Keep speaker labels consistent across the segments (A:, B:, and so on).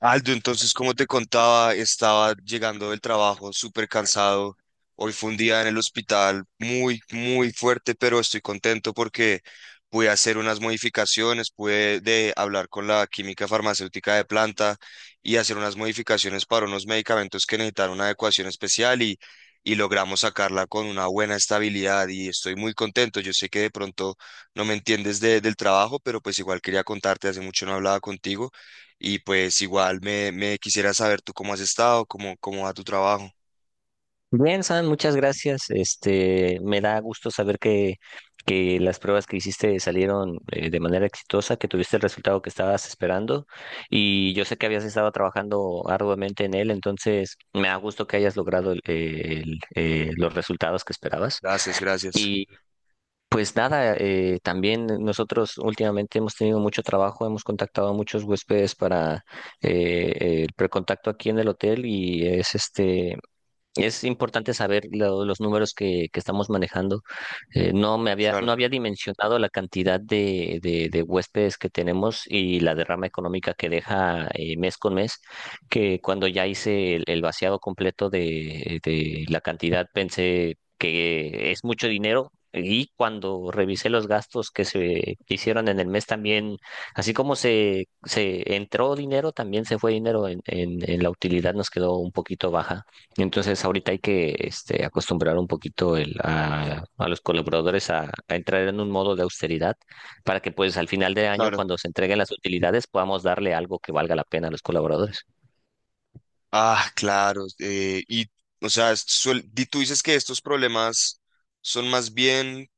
A: Aldo, entonces, como te contaba, estaba llegando del trabajo súper cansado. Hoy fue un día en el hospital muy fuerte, pero estoy contento porque pude hacer unas modificaciones, pude de hablar con la química farmacéutica de planta y hacer unas modificaciones para unos medicamentos que necesitan una adecuación especial y logramos sacarla con una buena estabilidad y estoy muy contento. Yo sé que de pronto no me entiendes del trabajo, pero pues igual quería contarte, hace mucho no hablaba contigo y pues igual me quisiera saber tú cómo has estado, cómo va tu trabajo.
B: Bien, San, muchas gracias. Me da gusto saber que las pruebas que hiciste salieron de manera exitosa, que tuviste el resultado que estabas esperando. Y yo sé que habías estado trabajando arduamente en él, entonces me da gusto que hayas logrado los resultados que esperabas.
A: Gracias, gracias.
B: Y pues nada, también nosotros últimamente hemos tenido mucho trabajo, hemos contactado a muchos huéspedes para el precontacto aquí en el hotel y es este. Es importante saber los números que estamos manejando. No
A: Claro,
B: había dimensionado la cantidad de huéspedes que tenemos y la derrama económica que deja mes con mes, que cuando ya hice el vaciado completo de la cantidad pensé que es mucho dinero. Y cuando revisé los gastos que se hicieron en el mes también, así como se entró dinero, también se fue dinero en la utilidad nos quedó un poquito baja. Entonces ahorita hay que acostumbrar un poquito a los colaboradores a entrar en un modo de austeridad para que pues al final de año,
A: claro.
B: cuando se entreguen las utilidades, podamos darle algo que valga la pena a los colaboradores.
A: Ah, claro. O sea, tú dices que estos problemas son más bien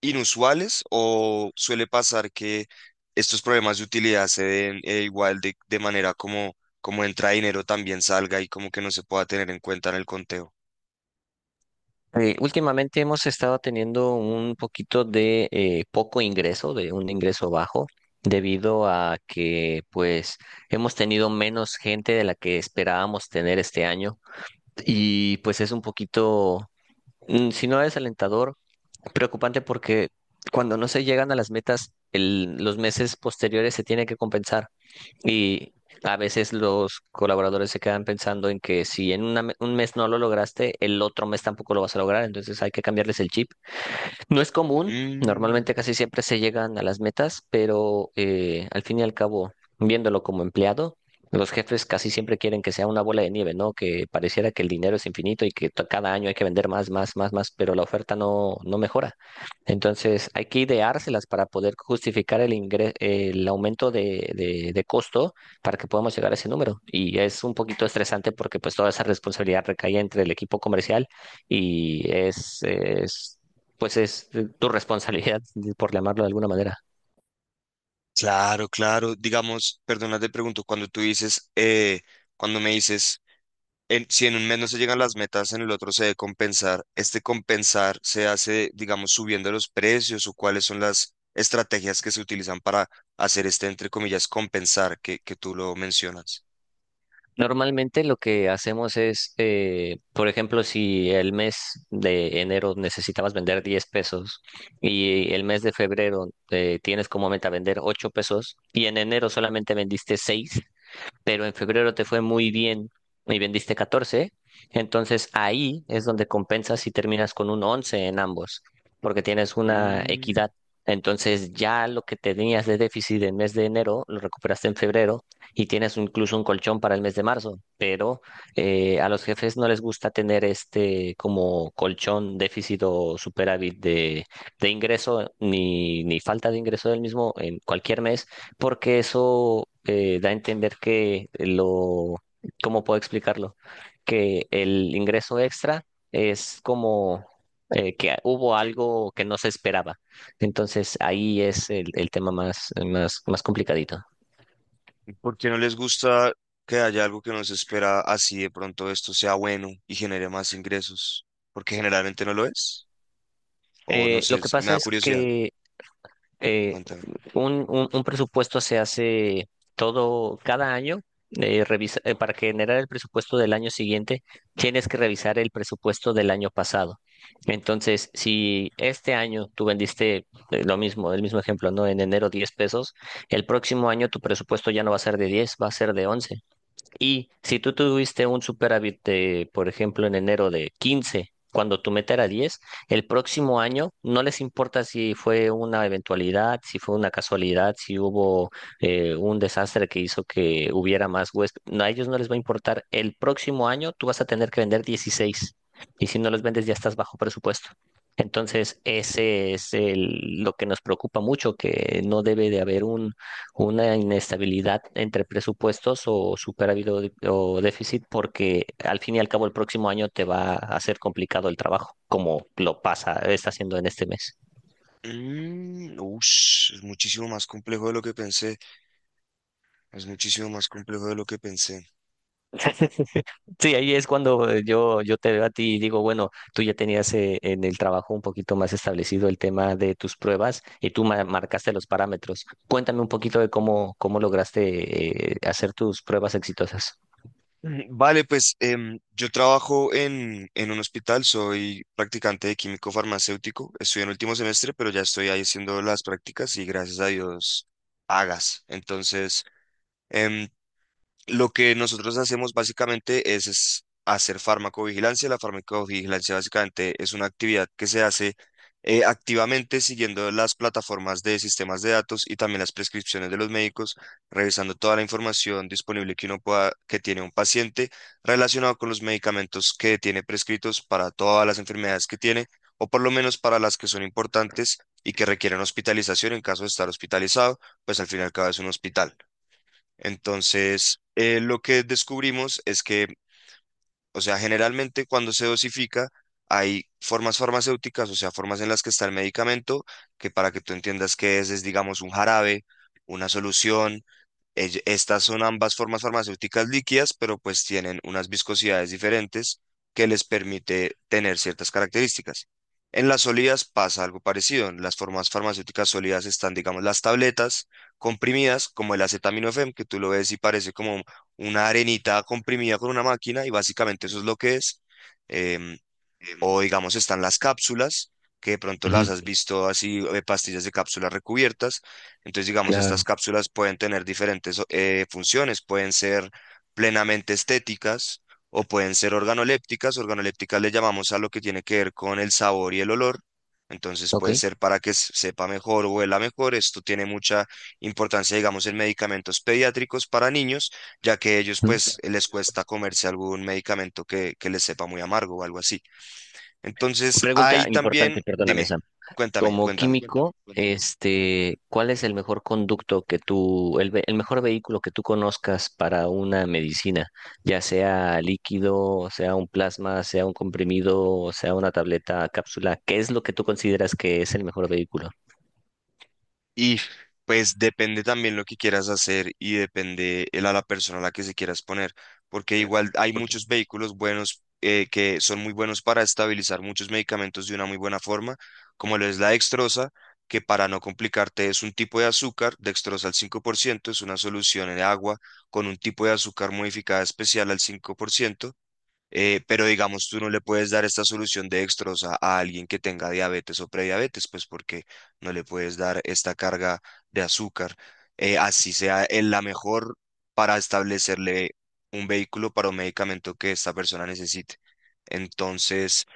A: inusuales o suele pasar que estos problemas de utilidad se den, igual de manera como, como entra dinero también salga y como que no se pueda tener en cuenta en el conteo.
B: Últimamente hemos estado teniendo un poquito de un ingreso bajo, debido a que pues hemos tenido menos gente de la que esperábamos tener este año y pues es un poquito, mm, si no desalentador, preocupante porque cuando no se llegan a las metas, los meses posteriores se tiene que compensar. Y a veces los colaboradores se quedan pensando en que si en un mes no lo lograste, el otro mes tampoco lo vas a lograr, entonces hay que cambiarles el chip. No es común,
A: Mm.
B: normalmente casi siempre se llegan a las metas, pero al fin y al cabo, viéndolo como empleado, los jefes casi siempre quieren que sea una bola de nieve, ¿no? Que pareciera que el dinero es infinito y que cada año hay que vender más, más, más, más, pero la oferta no mejora. Entonces, hay que ideárselas para poder justificar el aumento de costo para que podamos llegar a ese número. Y es un poquito estresante porque pues toda esa responsabilidad recae entre el equipo comercial y es, pues es tu responsabilidad, por llamarlo de alguna manera.
A: Claro, claro. Digamos, perdona, te pregunto, cuando me dices, si en un mes no se llegan las metas, en el otro se debe compensar. ¿Este compensar se hace, digamos, subiendo los precios o cuáles son las estrategias que se utilizan para hacer este, entre comillas, compensar que tú lo mencionas?
B: Normalmente lo que hacemos por ejemplo, si el mes de enero necesitabas vender 10 pesos y el mes de febrero tienes como meta vender 8 pesos y en enero solamente vendiste seis, pero en febrero te fue muy bien y vendiste 14. Entonces ahí es donde compensas y terminas con un 11 en ambos, porque tienes una
A: Mm.
B: equidad. Entonces ya lo que tenías de déficit en mes de enero lo recuperaste en febrero y tienes incluso un colchón para el mes de marzo, pero a los jefes no les gusta tener este como colchón déficit o superávit de ingreso ni falta de ingreso del mismo en cualquier mes porque eso da a entender que lo, ¿cómo puedo explicarlo? Que el ingreso extra es como que hubo algo que no se esperaba. Entonces ahí es el tema más, más, más complicadito.
A: ¿Por qué no les gusta que haya algo que no se espera así de pronto esto sea bueno y genere más ingresos? Porque generalmente no lo es. O no
B: Lo
A: sé,
B: que
A: me
B: pasa
A: da
B: es
A: curiosidad.
B: que eh,
A: Cuéntame.
B: un- Un presupuesto se hace todo, cada año. Para generar el presupuesto del año siguiente, tienes que revisar el presupuesto del año pasado. Entonces, si este año tú vendiste lo mismo, el mismo ejemplo, ¿no? En enero 10 pesos, el próximo año tu presupuesto ya no va a ser de diez, va a ser de once. Y si tú tuviste un superávit de, por ejemplo, en enero de 15, cuando tu meta era 10, el próximo año no les importa si fue una eventualidad, si fue una casualidad, si hubo un desastre que hizo que hubiera más huéspedes. No, a ellos no les va a importar. El próximo año tú vas a tener que vender 16, y si no los vendes ya estás bajo presupuesto. Entonces, ese es lo que nos preocupa mucho, que no debe de haber un una inestabilidad entre presupuestos o superávit o déficit, porque al fin y al cabo el próximo año te va a hacer complicado el trabajo, como está haciendo en este mes.
A: Mm, ush, es muchísimo más complejo de lo que pensé. Es muchísimo más complejo de lo que pensé.
B: Sí, ahí es cuando yo te veo a ti y digo, bueno, tú ya tenías en el trabajo un poquito más establecido el tema de tus pruebas y tú marcaste los parámetros. Cuéntame un poquito de cómo lograste hacer tus pruebas exitosas.
A: Mm. Vale, pues yo trabajo en un hospital, soy practicante de químico farmacéutico. Estoy en último semestre, pero ya estoy ahí haciendo las prácticas y gracias a Dios pagas. Em, Lo que nosotros hacemos básicamente es hacer farmacovigilancia. La farmacovigilancia básicamente es una actividad que se hace, activamente, siguiendo las plataformas de sistemas de datos y también las prescripciones de los médicos, revisando toda la información disponible que uno pueda, que tiene un paciente relacionado con los medicamentos que tiene prescritos para todas las enfermedades que tiene, o por lo menos para las que son importantes y que requieren hospitalización en caso de estar hospitalizado, pues al fin y al cabo es un hospital. Entonces, lo que descubrimos es que, o sea, generalmente cuando se dosifica hay formas farmacéuticas, o sea, formas en las que está el medicamento, que para que tú entiendas qué es digamos un jarabe, una solución. Estas son ambas formas farmacéuticas líquidas, pero pues tienen unas viscosidades diferentes que les permite tener ciertas características. En las sólidas pasa algo parecido. En las formas farmacéuticas sólidas están, digamos, las tabletas comprimidas, como el acetaminofén, que tú lo ves y parece como una arenita comprimida con una máquina, y básicamente eso es lo que es. em, o digamos están las cápsulas, que de pronto
B: Ujú.
A: las has visto así, pastillas de cápsulas recubiertas. Entonces, digamos, estas
B: Claro.
A: cápsulas pueden tener diferentes funciones, pueden ser plenamente estéticas o pueden ser organolépticas. Organolépticas le llamamos a lo que tiene que ver con el sabor y el olor. Entonces
B: ¿Ok?
A: puede ser para que sepa mejor o huela mejor. Esto tiene mucha importancia, digamos, en medicamentos pediátricos para niños, ya que ellos
B: Ujú.
A: pues les cuesta comerse algún medicamento que les sepa muy amargo o algo así. Entonces, ahí
B: Pregunta
A: también,
B: importante, perdóname,
A: dime,
B: Sam.
A: cuéntame,
B: Como cuéntame,
A: cuéntame.
B: químico, cuéntame. ¿Cuál es el mejor conducto que el mejor vehículo que tú conozcas para una medicina? Ya sea líquido, sea un plasma, sea un comprimido, sea una tableta, cápsula. ¿Qué es lo que tú consideras que es el mejor vehículo?
A: Y pues depende también lo que quieras hacer y depende el a la persona a la que se quieras poner, porque igual hay muchos vehículos buenos, que son muy buenos para estabilizar muchos medicamentos de una muy buena forma, como lo es la dextrosa, que para no complicarte es un tipo de azúcar, dextrosa al 5%, es una solución en agua con un tipo de azúcar modificada especial al 5%. Pero digamos, tú no le puedes dar esta solución de dextrosa a alguien que tenga diabetes o prediabetes, pues porque no le puedes dar esta carga de azúcar, así sea la mejor para establecerle un vehículo para un medicamento que esta persona necesite. Entonces,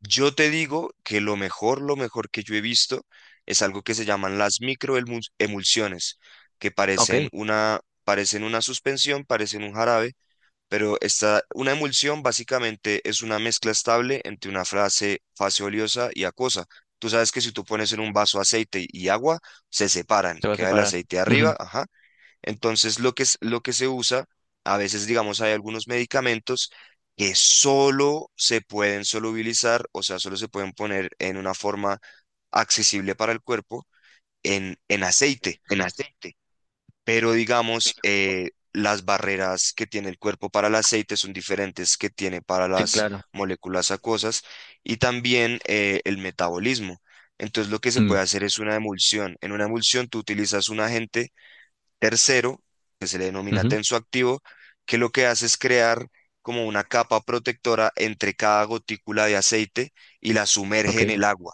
A: yo te digo que lo mejor que yo he visto es algo que se llaman las microemulsiones, que
B: Ok, se
A: parecen una suspensión, parecen un jarabe, pero esta una emulsión básicamente es una mezcla estable entre una fase oleosa y acuosa. Tú sabes que si tú pones en un vaso aceite y agua, se separan,
B: va a
A: queda el
B: separar.
A: aceite
B: Ujú.
A: arriba, ajá. Entonces lo que, lo que se usa, a veces digamos hay algunos medicamentos que solo se pueden solubilizar, o sea, solo se pueden poner en una forma accesible para el cuerpo en aceite, pero digamos, las barreras que tiene el cuerpo para el aceite son diferentes que tiene para
B: Sí,
A: las
B: claro.
A: moléculas acuosas y también, el metabolismo. Entonces lo que se
B: Mm.
A: puede hacer es una emulsión. En una emulsión tú utilizas un agente tercero, que se le denomina
B: Ujú.
A: tensoactivo, que lo que hace es crear como una capa protectora entre cada gotícula de aceite y la sumerge
B: Ok,
A: en el agua,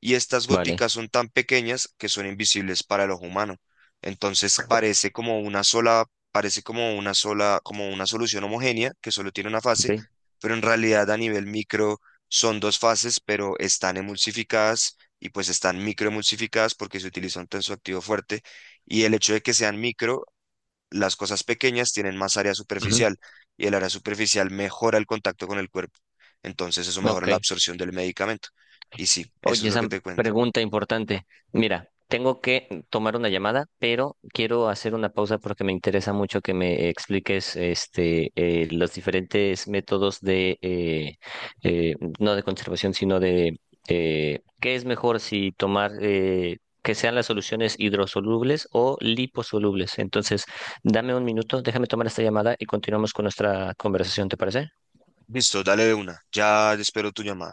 A: y estas
B: vale.
A: goticas son tan pequeñas que son invisibles para el ojo humano. Entonces parece como una sola, parece como una sola, como una solución homogénea que solo tiene una fase,
B: Ok.
A: pero en realidad a nivel micro son dos fases, pero están emulsificadas y pues están microemulsificadas porque se utiliza un tensoactivo fuerte, y el hecho de que sean micro, las cosas pequeñas tienen más área
B: Ujú.
A: superficial y el área superficial mejora el contacto con el cuerpo. Entonces eso mejora la
B: Ok.
A: absorción del medicamento. Y sí, eso
B: Oye,
A: es lo que
B: esa
A: te cuento.
B: pregunta importante. Mira, tengo que tomar una llamada, pero quiero hacer una pausa porque me interesa mucho que me expliques los diferentes métodos no de conservación, sino de qué es mejor si tomar, que sean las soluciones hidrosolubles o liposolubles. Entonces, dame un minuto, déjame tomar esta llamada y continuamos con nuestra conversación, ¿te parece?
A: Listo, dale de una. Ya espero tu llamada.